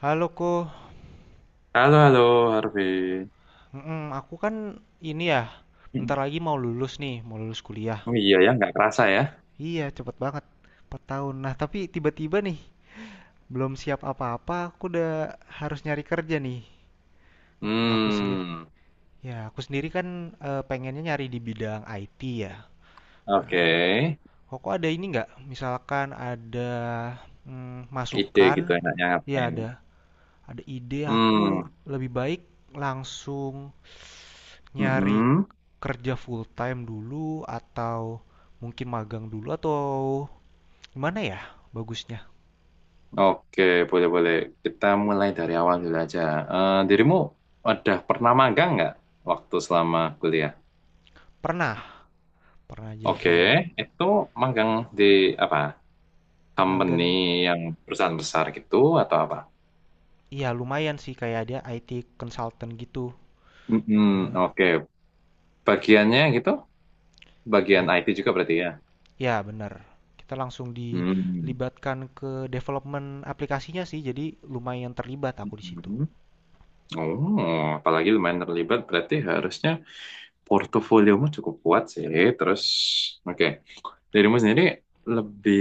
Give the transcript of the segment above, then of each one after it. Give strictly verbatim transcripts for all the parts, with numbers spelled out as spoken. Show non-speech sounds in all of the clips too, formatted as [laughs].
Halo Ko. Halo, halo, Harvey. Mm-mm, aku kan ini ya, bentar lagi mau lulus nih, mau lulus kuliah. Oh iya ya, nggak kerasa ya. Iya, cepet banget, empat tahun. Nah, tapi tiba-tiba nih, belum siap apa-apa, aku udah harus nyari kerja nih. Aku sendiri, Hmm, ya aku sendiri kan eh, pengennya nyari di bidang I T ya. oke. Kok ada ini nggak? Misalkan ada mm, Ide gitu masukan, enaknya ya ngapain. ada, ada ide aku Hmm, lebih baik langsung nyari mm-mm. kerja full time dulu atau mungkin magang dulu atau gimana ya bagusnya? Oke, boleh-boleh. Kita mulai dari awal dulu aja. Eh, dirimu udah pernah magang nggak waktu selama kuliah? Pernah, pernah Oke, jadi itu magang di apa? Company magang. yang perusahaan besar gitu atau apa? Iya, lumayan sih kayak dia I T consultant gitu. Jadinya Mm-mm, oke. Bagiannya gitu? Bagian be- I T juga berarti ya? ya benar. Kita langsung Hmm. dilibatkan ke development aplikasinya sih, jadi lumayan terlibat aku di situ. Mm-mm. Oh, apalagi lumayan terlibat, berarti harusnya portofoliomu cukup kuat sih. Terus, oke, dirimu sendiri lebih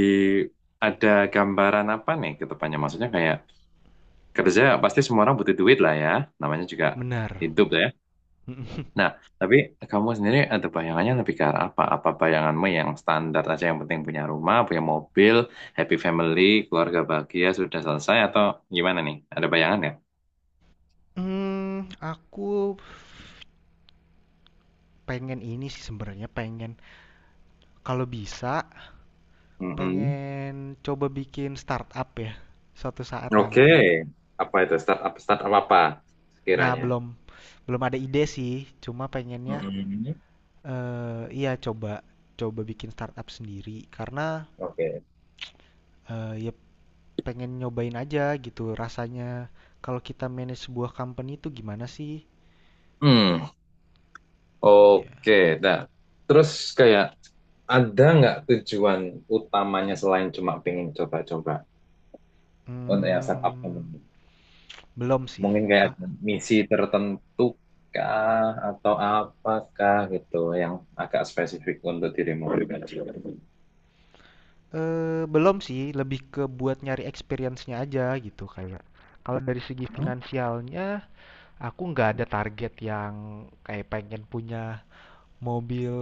ada gambaran apa nih ke depannya? Maksudnya kayak kerja pasti semua orang butuh duit lah ya, namanya juga Benar. hidup lah ya. [laughs] Nah, tapi kamu sendiri ada bayangannya lebih ke arah apa? Apa bayanganmu yang standar aja yang penting punya rumah, punya mobil, happy family, keluarga bahagia sudah selesai atau gimana nih? Ada bayangan Hmm, aku pengen ini sih, sebenarnya pengen kalau bisa ya? pengen coba bikin startup ya, suatu saat Oke, nanti. apa itu startup startup apa Nah, sekiranya? belum belum ada ide sih, cuma pengennya Mm-mm. eh iya coba coba bikin startup sendiri karena Oke. eh ya pengen nyobain aja gitu rasanya kalau kita manage sebuah company itu gimana sih? Hmm, Iya. oke. Nah, terus kayak ada nggak tujuan utamanya selain cuma pengen coba-coba untuk yang startup Hmm, ini? belum sih. Mungkin kayak Ka ada misi tertentu kah atau apakah gitu yang agak spesifik untuk dirimu pribadi? eh belum sih, lebih ke buat nyari experience-nya aja gitu kayak. Kalau dari segi Hmm, finansialnya, aku nggak ada target yang kayak pengen punya mobil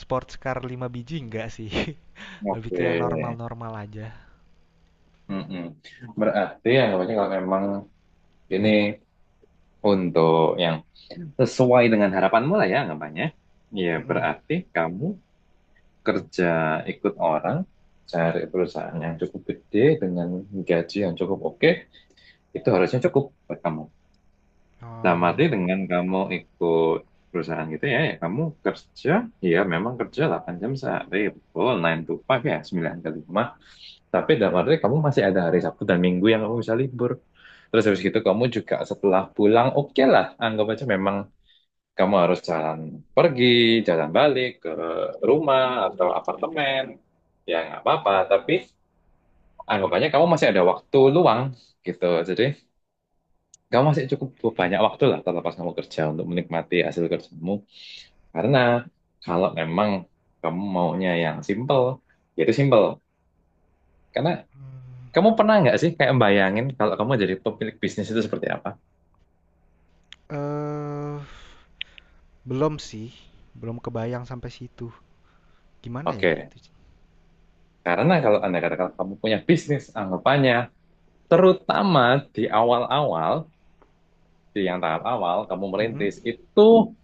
sports car lima biji nggak sih. [laughs] Lebih ke yang oke. normal-normal aja. Mm-mm. Berarti yang namanya kalau memang ini untuk yang sesuai dengan harapanmu lah ya anggapannya. Ya, Mm-mm. berarti kamu kerja ikut orang, cari perusahaan yang cukup gede dengan gaji yang cukup oke, itu harusnya cukup buat kamu. Dalam arti Oh, dengan kamu ikut perusahaan gitu ya, ya kamu kerja, ya memang kerja delapan jam sehari, betul, nine to five ya, sembilan ke lima. Tapi dalam arti kamu masih ada hari Sabtu dan Minggu yang kamu bisa libur. Terus habis gitu kamu juga setelah pulang, oke lah, anggap aja memang kamu harus jalan pergi, jalan balik ke rumah atau apartemen. Ya nggak apa-apa, tapi anggapannya kamu masih ada waktu luang gitu. Jadi kamu masih cukup iya. banyak waktu lah terlepas kamu kerja untuk menikmati hasil kerjamu. Karena kalau memang kamu maunya yang simple, ya itu simple. Karena Hmm. kamu pernah nggak sih kayak bayangin kalau kamu jadi pemilik bisnis itu seperti apa? Eh, belum sih, belum kebayang sampai situ. Gimana ya Oke, itu? karena kalau anda katakan kamu punya bisnis, anggapannya terutama di awal-awal, di yang tahap awal kamu Mm-mm. merintis, itu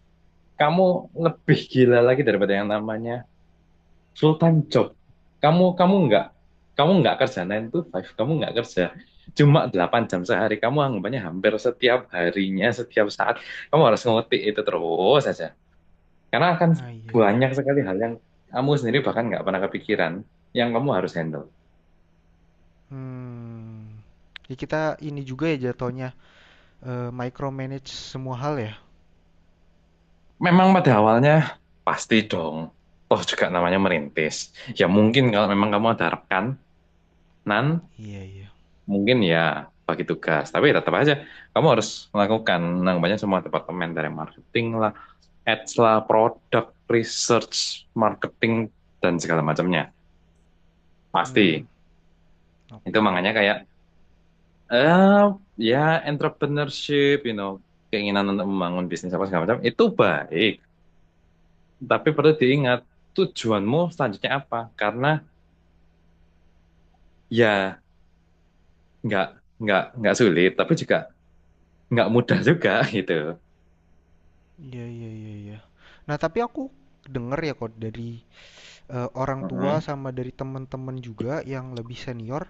kamu lebih gila lagi daripada yang namanya full-time job. Kamu kamu nggak kamu nggak kerja sembilan to lima, kamu nggak kerja cuma delapan jam sehari. Kamu anggapannya hampir setiap harinya, setiap saat kamu harus ngetik itu terus saja. Karena akan Nah iya. banyak sekali hal yang kamu sendiri bahkan nggak pernah kepikiran yang kamu harus handle. Hmm. Ya kita ini juga ya jatuhnya eh micromanage semua hal ya. Memang pada awalnya pasti dong. Toh juga namanya merintis. Ya mungkin kalau memang kamu ada rekanan, Iya, iya. mungkin ya bagi tugas. Tapi tetap aja kamu harus melakukan namanya semua departemen dari marketing lah, ads lah, produk, research, marketing dan segala macamnya. Hmm, Pasti. Itu oke. makanya kayak eh ya entrepreneurship, you know, keinginan untuk membangun bisnis apa segala macam itu baik. Tapi perlu diingat tujuanmu selanjutnya apa? Karena ya nggak nggak nggak sulit tapi juga nggak mudah juga [laughs] gitu Iya iya iya iya. Nah, tapi aku denger ya kok dari eh, orang tua Mhm. sama dari teman-teman juga yang lebih senior,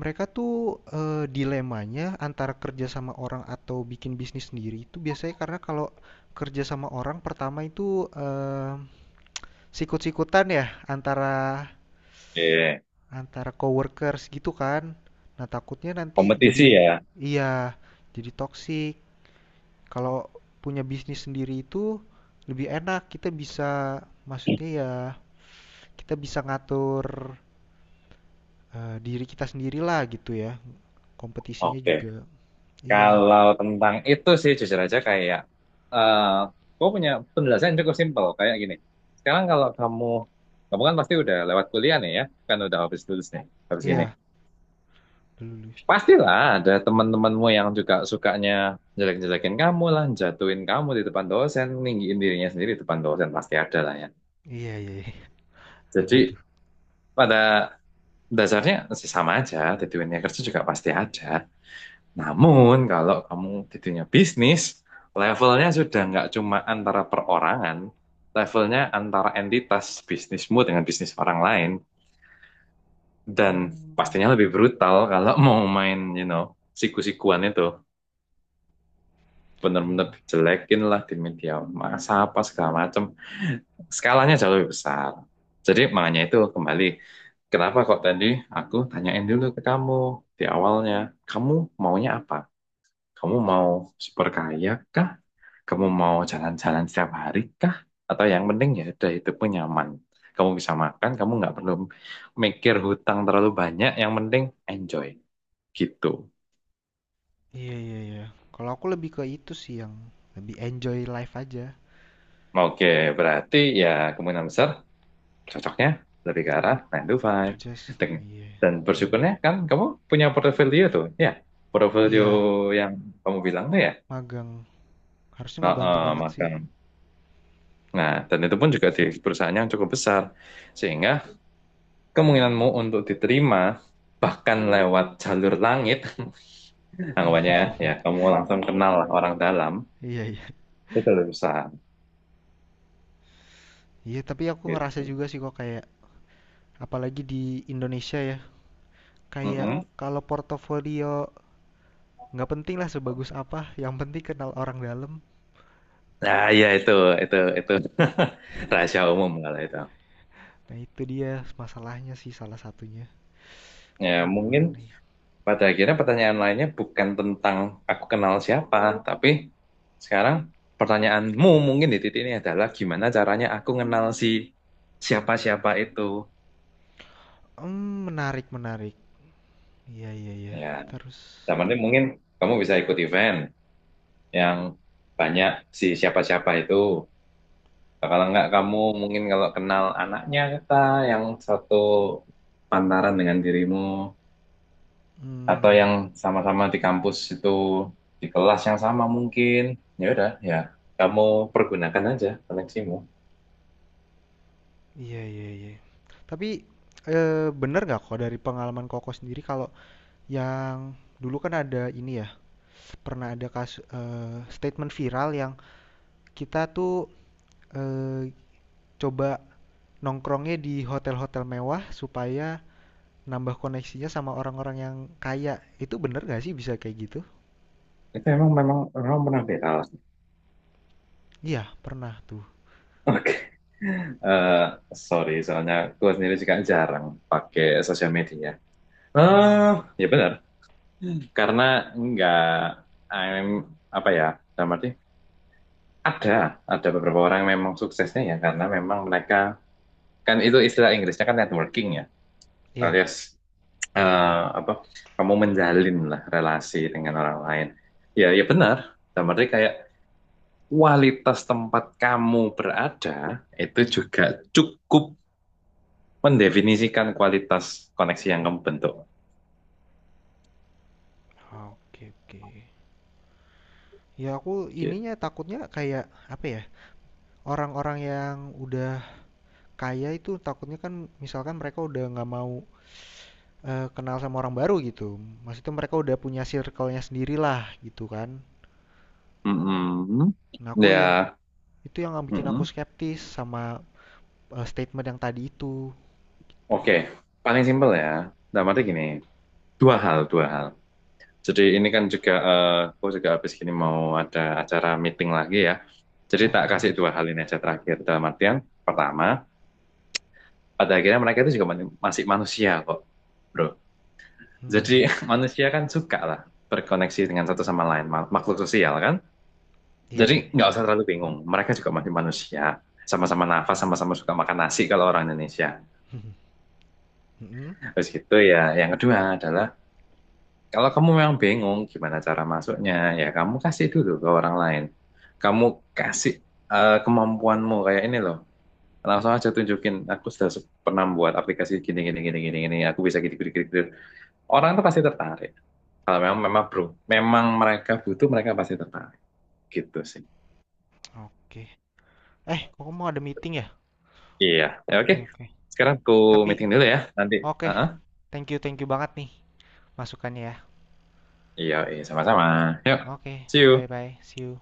mereka tuh eh, dilemanya antara kerja sama orang atau bikin bisnis sendiri itu biasanya karena kalau kerja sama orang pertama itu eh, sikut-sikutan ya antara Oke. antara coworkers gitu kan. Nah, takutnya nanti jadi Kompetisi ya. iya, jadi toksik. Kalau punya bisnis sendiri itu lebih enak, kita bisa maksudnya ya kita bisa ngatur eh, diri kita sendiri lah gitu ya. Kompetisinya Oke. juga. Iya. Kalau tentang itu sih jujur aja kayak eh gue punya penjelasan yang cukup simpel kayak gini. Sekarang kalau kamu kamu kan pasti udah lewat kuliah nih ya, kan udah habis lulus nih, habis ini. Iya. Lulus. Pastilah ada teman-temanmu yang juga sukanya jelek-jelekin kamu lah, jatuhin kamu di depan dosen, ninggiin dirinya sendiri di depan dosen pasti ada lah ya. Iya, iya, iya. Ada Jadi tuh. pada dasarnya sih sama aja, t dua nya kerja juga pasti ada. Namun kalau kamu t te dua nya bisnis, levelnya sudah nggak cuma antara perorangan, levelnya antara entitas bisnismu dengan bisnis orang lain. Dan Oh, pastinya lebih brutal kalau [laughs] mau main, you know, siku-sikuan itu. Bener-bener iya. dijelekin lah di media massa apa segala macam. Skalanya jauh lebih besar. Jadi makanya itu kembali. Kenapa kok tadi aku tanyain dulu ke kamu di awalnya, kamu maunya apa? Kamu mau super kaya kah? Kamu mau jalan-jalan setiap hari kah? Atau yang penting ya udah hidupmu nyaman. Kamu bisa makan, kamu nggak perlu mikir hutang terlalu banyak. Yang penting enjoy. Gitu. Iya, iya, iya. Kalau aku lebih ke itu sih yang lebih enjoy life aja. Oke, berarti ya kemungkinan besar cocoknya lebih ke arah Di sembilan to five. kerja. s- Dan, Iya. dan bersyukurnya kan kamu punya portfolio tuh. Ya, portfolio Iya, yang kamu bilang tuh ya. magang. Harusnya ngebantu Heeh, banget sih. makan. Nah, dan itu pun juga di perusahaan yang cukup besar. Sehingga kemungkinanmu untuk diterima bahkan lewat jalur langit, [laughs] anggapannya ya kamu langsung kenal lah orang dalam, Iya, iya. itu lebih besar Iya, tapi aku ngerasa gitu. juga sih kok kayak apalagi di Indonesia ya. Kayak Mm-mm. kalau portofolio nggak penting lah sebagus apa, yang penting kenal orang dalam. Nah, ya itu itu itu [laughs] rahasia umum kalau itu. Nah itu dia masalahnya sih salah satunya. Ya, Aduh, mungkin gimana ya? pada akhirnya pertanyaan lainnya bukan tentang aku kenal siapa, tapi sekarang pertanyaanmu mungkin di titik ini adalah gimana caranya aku kenal si siapa-siapa itu. Hmm, menarik menarik. Iya iya iya. Ya, Kita harus. dalam arti mungkin kamu bisa ikut event yang banyak si siapa-siapa itu. Nah, kalau enggak kamu mungkin kalau kenal anaknya kita yang satu pantaran dengan dirimu, atau Hmm, yang sama-sama di kampus itu di kelas yang sama mungkin ya udah ya kamu pergunakan aja koneksimu iya iya iya. Tapi eh, bener nggak kok dari pengalaman Koko sendiri kalau yang dulu kan ada ini ya pernah ada kasus eh, statement viral yang kita tuh eh, coba nongkrongnya di hotel-hotel mewah supaya nambah koneksinya sama orang-orang yang kaya. Itu bener gak sih bisa kayak gitu? itu emang memang orang pernah di kelas. Iya, pernah tuh. [laughs] Oke. Eh, Sorry soalnya gue sendiri juga jarang pakai sosial media Hmm, eh ya benar karena nggak I'm apa ya dalam arti ada ada beberapa orang yang memang suksesnya ya karena memang mereka kan itu istilah Inggrisnya kan networking ya iya. alias eh, apa kamu menjalin lah relasi dengan orang lain. Ya, ya benar. Dan berarti kayak kualitas tempat kamu berada itu juga cukup mendefinisikan kualitas koneksi yang kamu bentuk. Oke, oke. Ya aku Gitu. ininya takutnya kayak apa ya? Orang-orang yang udah kaya itu takutnya kan misalkan mereka udah nggak mau eh, kenal sama orang baru gitu. Maksudnya mereka udah punya circle-nya sendirilah gitu kan. Mm-mm. Nah, aku yang Ya, itu yang bikin aku mm-mm. skeptis sama eh, statement yang tadi itu. Tuh. Oke. Paling simpel ya. Dan berarti gini, dua hal, dua hal. Jadi ini kan juga, eh, aku juga habis gini mau ada acara meeting lagi ya. Jadi Oh, tak kasih yes. dua hal ini aja terakhir. Dalam artian, pertama, pada akhirnya mereka itu juga manu- masih manusia kok, bro. Jadi Hmm. [laughs] manusia kan suka lah berkoneksi dengan satu sama lain, ma- makhluk sosial kan. Iya, Jadi iya. [laughs] iya. nggak usah terlalu bingung, mereka juga masih manusia. Sama-sama nafas, sama-sama suka makan nasi kalau orang Indonesia. Mm-mm. Terus gitu ya, yang kedua adalah, kalau kamu memang bingung gimana cara masuknya, ya kamu kasih dulu ke orang lain. Kamu kasih eh, kemampuanmu kayak ini loh. Langsung aja tunjukin, aku sudah se- pernah buat aplikasi gini, gini, gini, gini, gini. Aku bisa gini, gini, gini, gini. Orang tuh pasti tertarik. Kalau memang memang bro, memang mereka butuh, mereka pasti tertarik. Gitu sih. Oke. Eh, kok mau ada meeting ya? Iya. Ya, oke. Oke, oke. Sekarang aku Tapi, meeting dulu ya. Nanti. oke. uh Thank you, thank you banget nih masukannya ya. Iya, iya, sama-sama. Yuk. Oke, See you. bye-bye. See you.